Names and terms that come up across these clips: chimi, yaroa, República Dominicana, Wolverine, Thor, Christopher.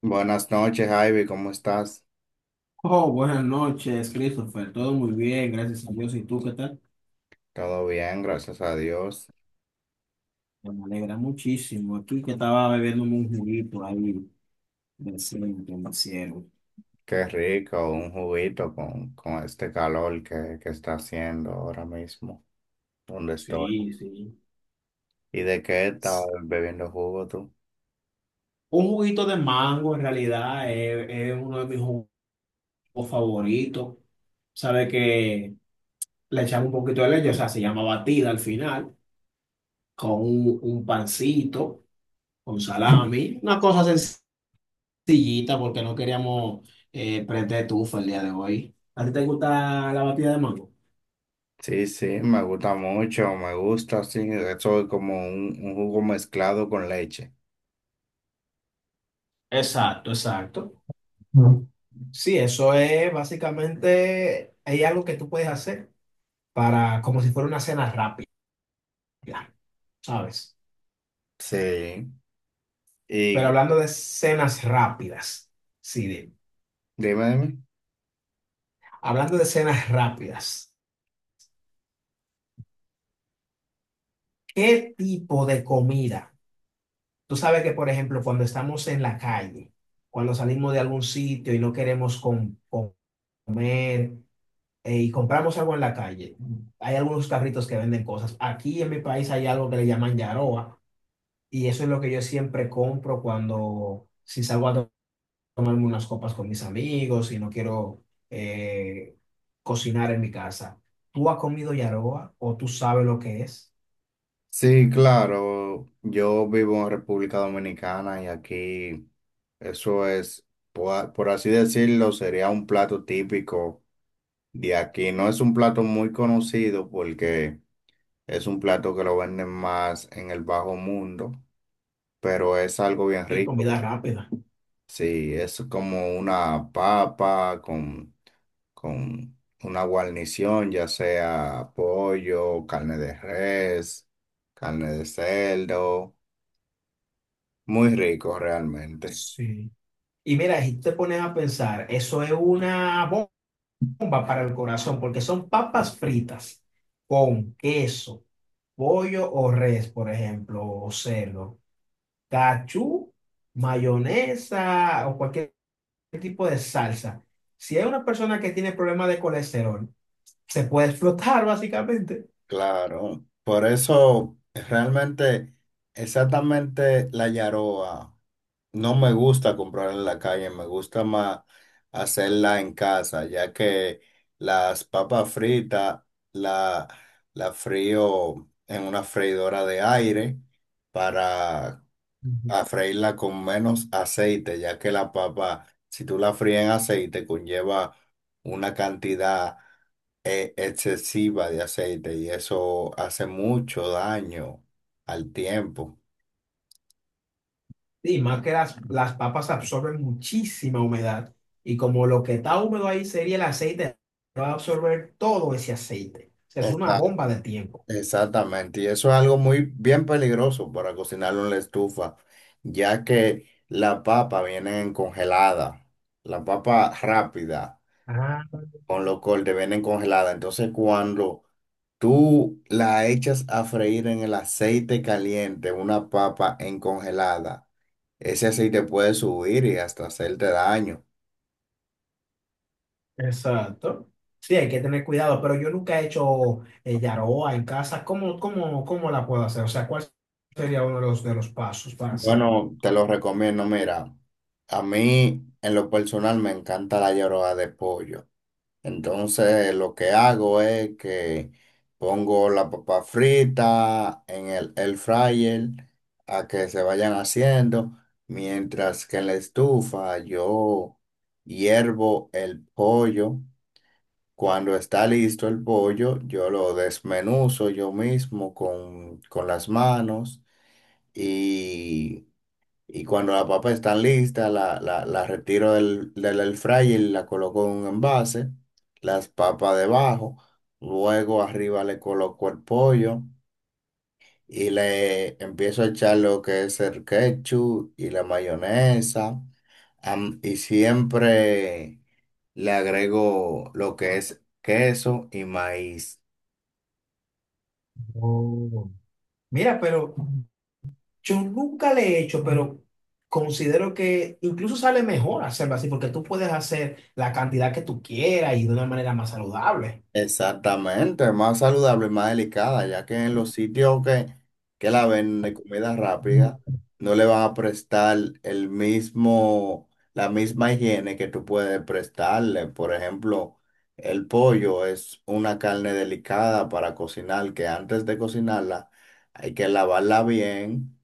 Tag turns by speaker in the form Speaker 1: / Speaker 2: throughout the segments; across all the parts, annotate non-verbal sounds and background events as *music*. Speaker 1: Buenas noches, Ivy, ¿cómo estás?
Speaker 2: Oh, buenas noches, Christopher. Todo muy bien, gracias a Dios. ¿Y tú qué tal?
Speaker 1: Todo bien, gracias a Dios.
Speaker 2: Bueno, me alegra muchísimo. Aquí que estaba bebiéndome un juguito ahí decente, me hicieron.
Speaker 1: Qué rico, un juguito con este calor que está haciendo ahora mismo, donde estoy.
Speaker 2: Sí, sí.
Speaker 1: ¿Y de qué estás bebiendo jugo tú?
Speaker 2: Un juguito de mango, en realidad, es uno de mis jugos favoritos. Sabe que le echamos un poquito de leche, o sea, se llama batida al final, con un pancito, con salami, una cosa sencilla. Sillita porque no queríamos prender tufa el día de hoy. ¿A ti te gusta la batida de mango?
Speaker 1: Sí, sí, me gusta mucho, me gusta, sí. Eso es como un jugo mezclado con leche.
Speaker 2: Exacto, exacto. No. Sí, eso es básicamente, hay algo que tú puedes hacer para, como si fuera una cena rápida, ¿sabes?
Speaker 1: Sí.
Speaker 2: Pero
Speaker 1: Y
Speaker 2: hablando de cenas rápidas, sí,
Speaker 1: dime, dime.
Speaker 2: hablando de cenas rápidas, ¿qué tipo de comida? Tú sabes que, por ejemplo, cuando estamos en la calle, cuando salimos de algún sitio y no queremos comer, y compramos algo en la calle, hay algunos carritos que venden cosas. Aquí en mi país hay algo que le llaman yaroa y eso es lo que yo siempre compro cuando, si salgo a tomarme unas copas con mis amigos y no quiero eh, cocinar en mi casa. ¿Tú has comido yaroa o tú sabes lo que es?
Speaker 1: Sí, claro. Yo vivo en República Dominicana y aquí eso es, por así decirlo, sería un plato típico de aquí. No es un plato muy conocido porque es un plato que lo venden más en el bajo mundo, pero es algo bien
Speaker 2: Sí,
Speaker 1: rico.
Speaker 2: comida rápida.
Speaker 1: Sí, es como una papa con una guarnición, ya sea pollo, carne de res, carne de cerdo. Muy rico realmente.
Speaker 2: Sí. Y mira, si te pones a pensar, eso es una bomba. Bomba para el corazón, porque son papas fritas con queso, pollo o res, por ejemplo, o cerdo, cachú, mayonesa o cualquier tipo de salsa. Si hay una persona que tiene problemas de colesterol, se puede explotar básicamente.
Speaker 1: Claro. Por eso realmente exactamente la yaroa no me gusta comprarla en la calle, me gusta más hacerla en casa, ya que las papas fritas la, la frío en una freidora de aire para
Speaker 2: Ujú.
Speaker 1: a freírla con menos aceite, ya que la papa, si tú la fríes en aceite, conlleva una cantidad excesiva de aceite y eso hace mucho daño al tiempo.
Speaker 2: Y más que las papas absorben muchísima humedad. Y como lo que está húmedo ahí sería el aceite, va a absorber todo ese aceite. O sea, es una
Speaker 1: Esta-
Speaker 2: bomba de tiempo.
Speaker 1: exactamente, y eso es algo muy bien peligroso para cocinarlo en la estufa, ya que la papa viene congelada, la papa rápida
Speaker 2: Ah,
Speaker 1: con los cortes vienen congeladas, entonces cuando tú la echas a freír en el aceite caliente, una papa en congelada. Ese aceite puede subir y hasta hacerte daño.
Speaker 2: exacto. Sí, hay que tener cuidado, pero yo nunca he hecho yaroa en casa. ¿Cómo la puedo hacer? O sea, ¿cuál sería uno de los pasos para hacerlo?
Speaker 1: Bueno, te lo recomiendo. Mira, a mí en lo personal me encanta la llorada de pollo. Entonces lo que hago es que pongo la papa frita en el fryer a que se vayan haciendo, mientras que en la estufa yo hiervo el pollo. Cuando está listo el pollo, yo lo desmenuzo yo mismo con las manos y y cuando las papas están listas, la retiro del air fryer y la coloco en un envase. Las papas debajo. Luego arriba le coloco el pollo y le empiezo a echar lo que es el ketchup y la mayonesa. Y siempre le agrego lo que es queso y maíz.
Speaker 2: Oh. Mira, pero, yo nunca le he hecho, pero considero que incluso sale mejor hacerlo así, porque tú puedes hacer la cantidad que tú quieras y de una manera más saludable.
Speaker 1: Exactamente, es más saludable, más delicada, ya que en los sitios que la venden de comida
Speaker 2: No.
Speaker 1: rápida no le van a prestar el mismo, la misma higiene que tú puedes prestarle. Por ejemplo, el pollo es una carne delicada para cocinar, que antes de cocinarla hay que lavarla bien,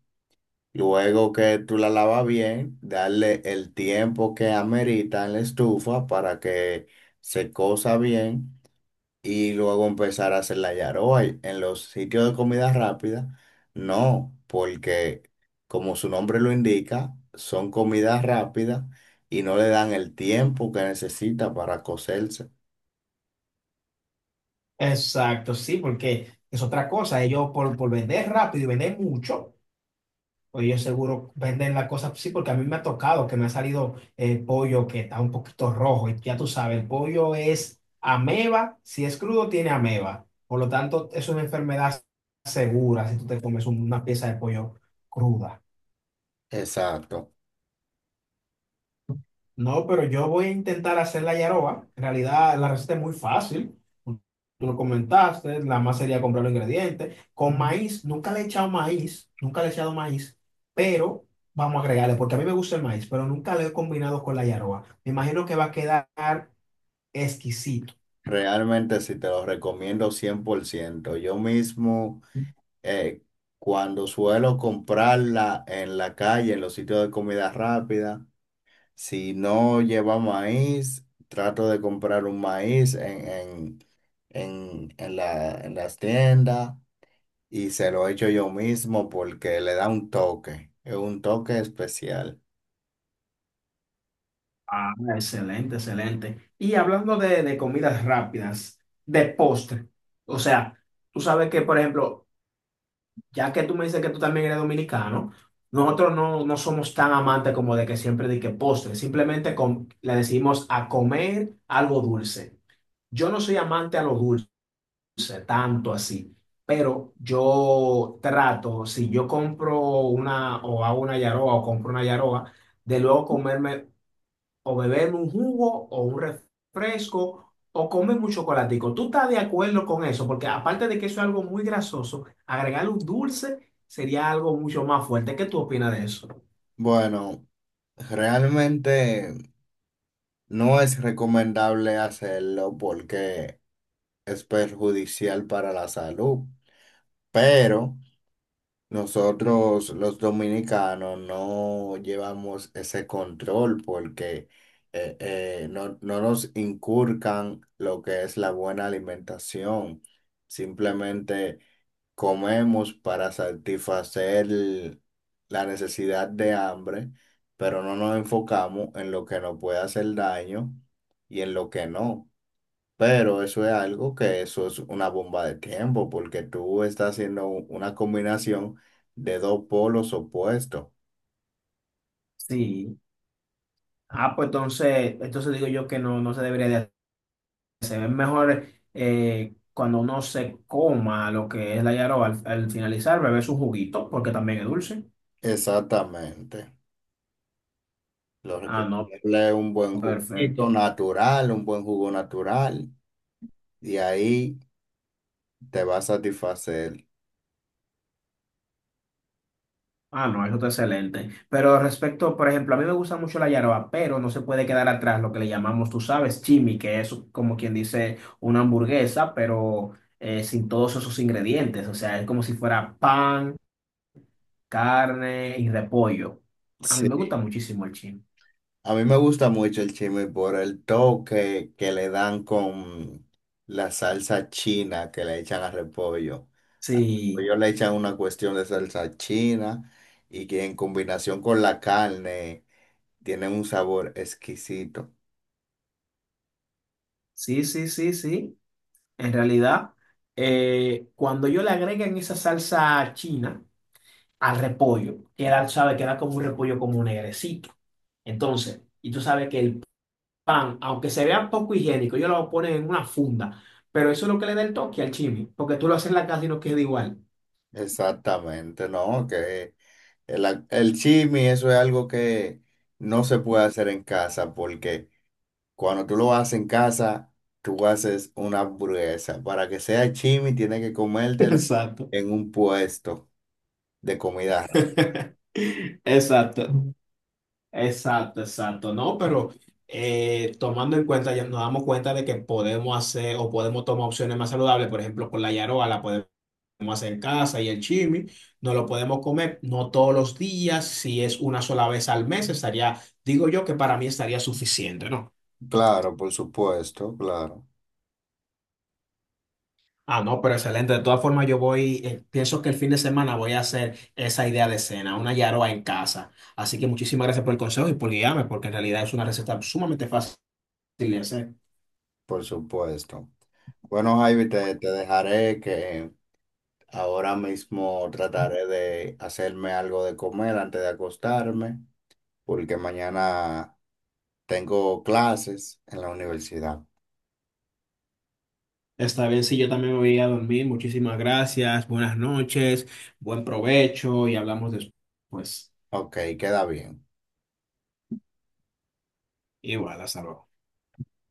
Speaker 1: luego que tú la lavas bien, darle el tiempo que amerita en la estufa para que se cosa bien y luego empezar a hacer la yaroa y en los sitios de comida rápida. No, porque como su nombre lo indica, son comidas rápidas y no le dan el tiempo que necesita para cocerse.
Speaker 2: Exacto, sí, porque es otra cosa. Ellos por vender rápido y vender mucho, pues ellos seguro venden la cosa, sí, porque a mí me ha tocado que me ha salido el pollo que está un poquito rojo. Y ya tú sabes, el pollo es ameba, si es crudo tiene ameba. Por lo tanto, es una enfermedad segura si tú te comes una pieza de pollo cruda.
Speaker 1: Exacto.
Speaker 2: No, pero yo voy a intentar hacer la yaroba. En realidad, la receta es muy fácil. Tú lo comentaste, la más sería comprar los ingredientes. Con maíz, nunca le he echado maíz, nunca le he echado maíz, pero vamos a agregarle, porque a mí me gusta el maíz, pero nunca lo he combinado con la yaroba. Me imagino que va a quedar exquisito.
Speaker 1: Realmente sí te lo recomiendo 100%. Yo mismo, eh, cuando suelo comprarla en la calle, en los sitios de comida rápida, si no lleva maíz, trato de comprar un maíz en las tiendas y se lo echo yo mismo porque le da un toque, es un toque especial.
Speaker 2: Ah, excelente, excelente. Y hablando de comidas rápidas, de postre, o sea, tú sabes que, por ejemplo, ya que tú me dices que tú también eres dominicano, nosotros no, no somos tan amantes como de que siempre de que postre, simplemente le decimos a comer algo dulce. Yo no soy amante a lo dulce, tanto así, pero yo trato, si yo compro una o hago una yaroa o compro una yaroa, de luego comerme o beberme un jugo o un refresco o comerme un chocolatico. ¿Tú estás de acuerdo con eso? Porque aparte de que eso es algo muy grasoso, agregarle un dulce sería algo mucho más fuerte. ¿Qué tú opinas de eso?
Speaker 1: Bueno, realmente no es recomendable hacerlo porque es perjudicial para la salud, pero. Nosotros los dominicanos no llevamos ese control porque no, no nos inculcan lo que es la buena alimentación. Simplemente comemos para satisfacer la necesidad de hambre, pero no nos enfocamos en lo que nos puede hacer daño y en lo que no. Pero eso es algo que eso es una bomba de tiempo, porque tú estás haciendo una combinación de dos polos opuestos.
Speaker 2: Sí, ah, pues entonces, entonces digo yo que no, no se debería de hacer. Es mejor cuando uno se coma lo que es la yaroba al, al finalizar, beber su juguito, porque también es dulce.
Speaker 1: Exactamente. Lo
Speaker 2: Ah, no,
Speaker 1: recomendable es un buen juguito
Speaker 2: perfecto.
Speaker 1: natural, un buen jugo natural, y ahí te va a satisfacer.
Speaker 2: Ah, no, eso está excelente. Pero respecto, por ejemplo, a mí me gusta mucho la yaroa, pero no se puede quedar atrás lo que le llamamos, tú sabes, chimi, que es como quien dice una hamburguesa, pero sin todos esos ingredientes. O sea, es como si fuera pan, carne y repollo. A mí me gusta
Speaker 1: Sí.
Speaker 2: muchísimo el chimi.
Speaker 1: A mí me gusta mucho el chisme por el toque que le dan con la salsa china que le echan al repollo. Al
Speaker 2: Sí,
Speaker 1: repollo le echan una cuestión de salsa china y que en combinación con la carne tiene un sabor exquisito.
Speaker 2: sí, sí, sí, sí. En realidad, cuando yo le agregan esa salsa china, al repollo, que era, sabe, que era como un repollo como negrecito. Entonces, y tú sabes que el pan, aunque se vea poco higiénico, ellos lo ponen en una funda, pero eso es lo que le da el toque al chimi, porque tú lo haces en la casa y no queda igual.
Speaker 1: Exactamente, ¿no? Que el chisme, eso es algo que no se puede hacer en casa porque cuando tú lo haces en casa, tú haces una hamburguesa. Para que sea chimi, tienes que
Speaker 2: *laughs*
Speaker 1: comértelo
Speaker 2: Exacto.
Speaker 1: en un puesto de comida rápida.
Speaker 2: *laughs* Exacto. Exacto, exacto. No, pero tomando en cuenta, ya nos damos cuenta de que podemos hacer o podemos tomar opciones más saludables, por ejemplo, con la yaroa, la podemos hacer casa y el chimi, no lo podemos comer, no todos los días, si es una sola vez al mes, estaría, digo yo que para mí estaría suficiente, ¿no?
Speaker 1: Claro, por supuesto, claro,
Speaker 2: Ah, no, pero excelente. De todas formas, yo voy, pienso que el fin de semana voy a hacer esa idea de cena, una yaroa en casa. Así que muchísimas gracias por el consejo y por guiarme, porque en realidad es una receta sumamente fácil de hacer.
Speaker 1: por supuesto. Bueno, Javi, te dejaré que ahora mismo trataré de hacerme algo de comer antes de acostarme, porque mañana tengo clases en la universidad.
Speaker 2: Está bien, sí, yo también me voy a dormir. Muchísimas gracias, buenas noches, buen provecho y hablamos después.
Speaker 1: Ok, queda bien.
Speaker 2: Igual, hasta luego.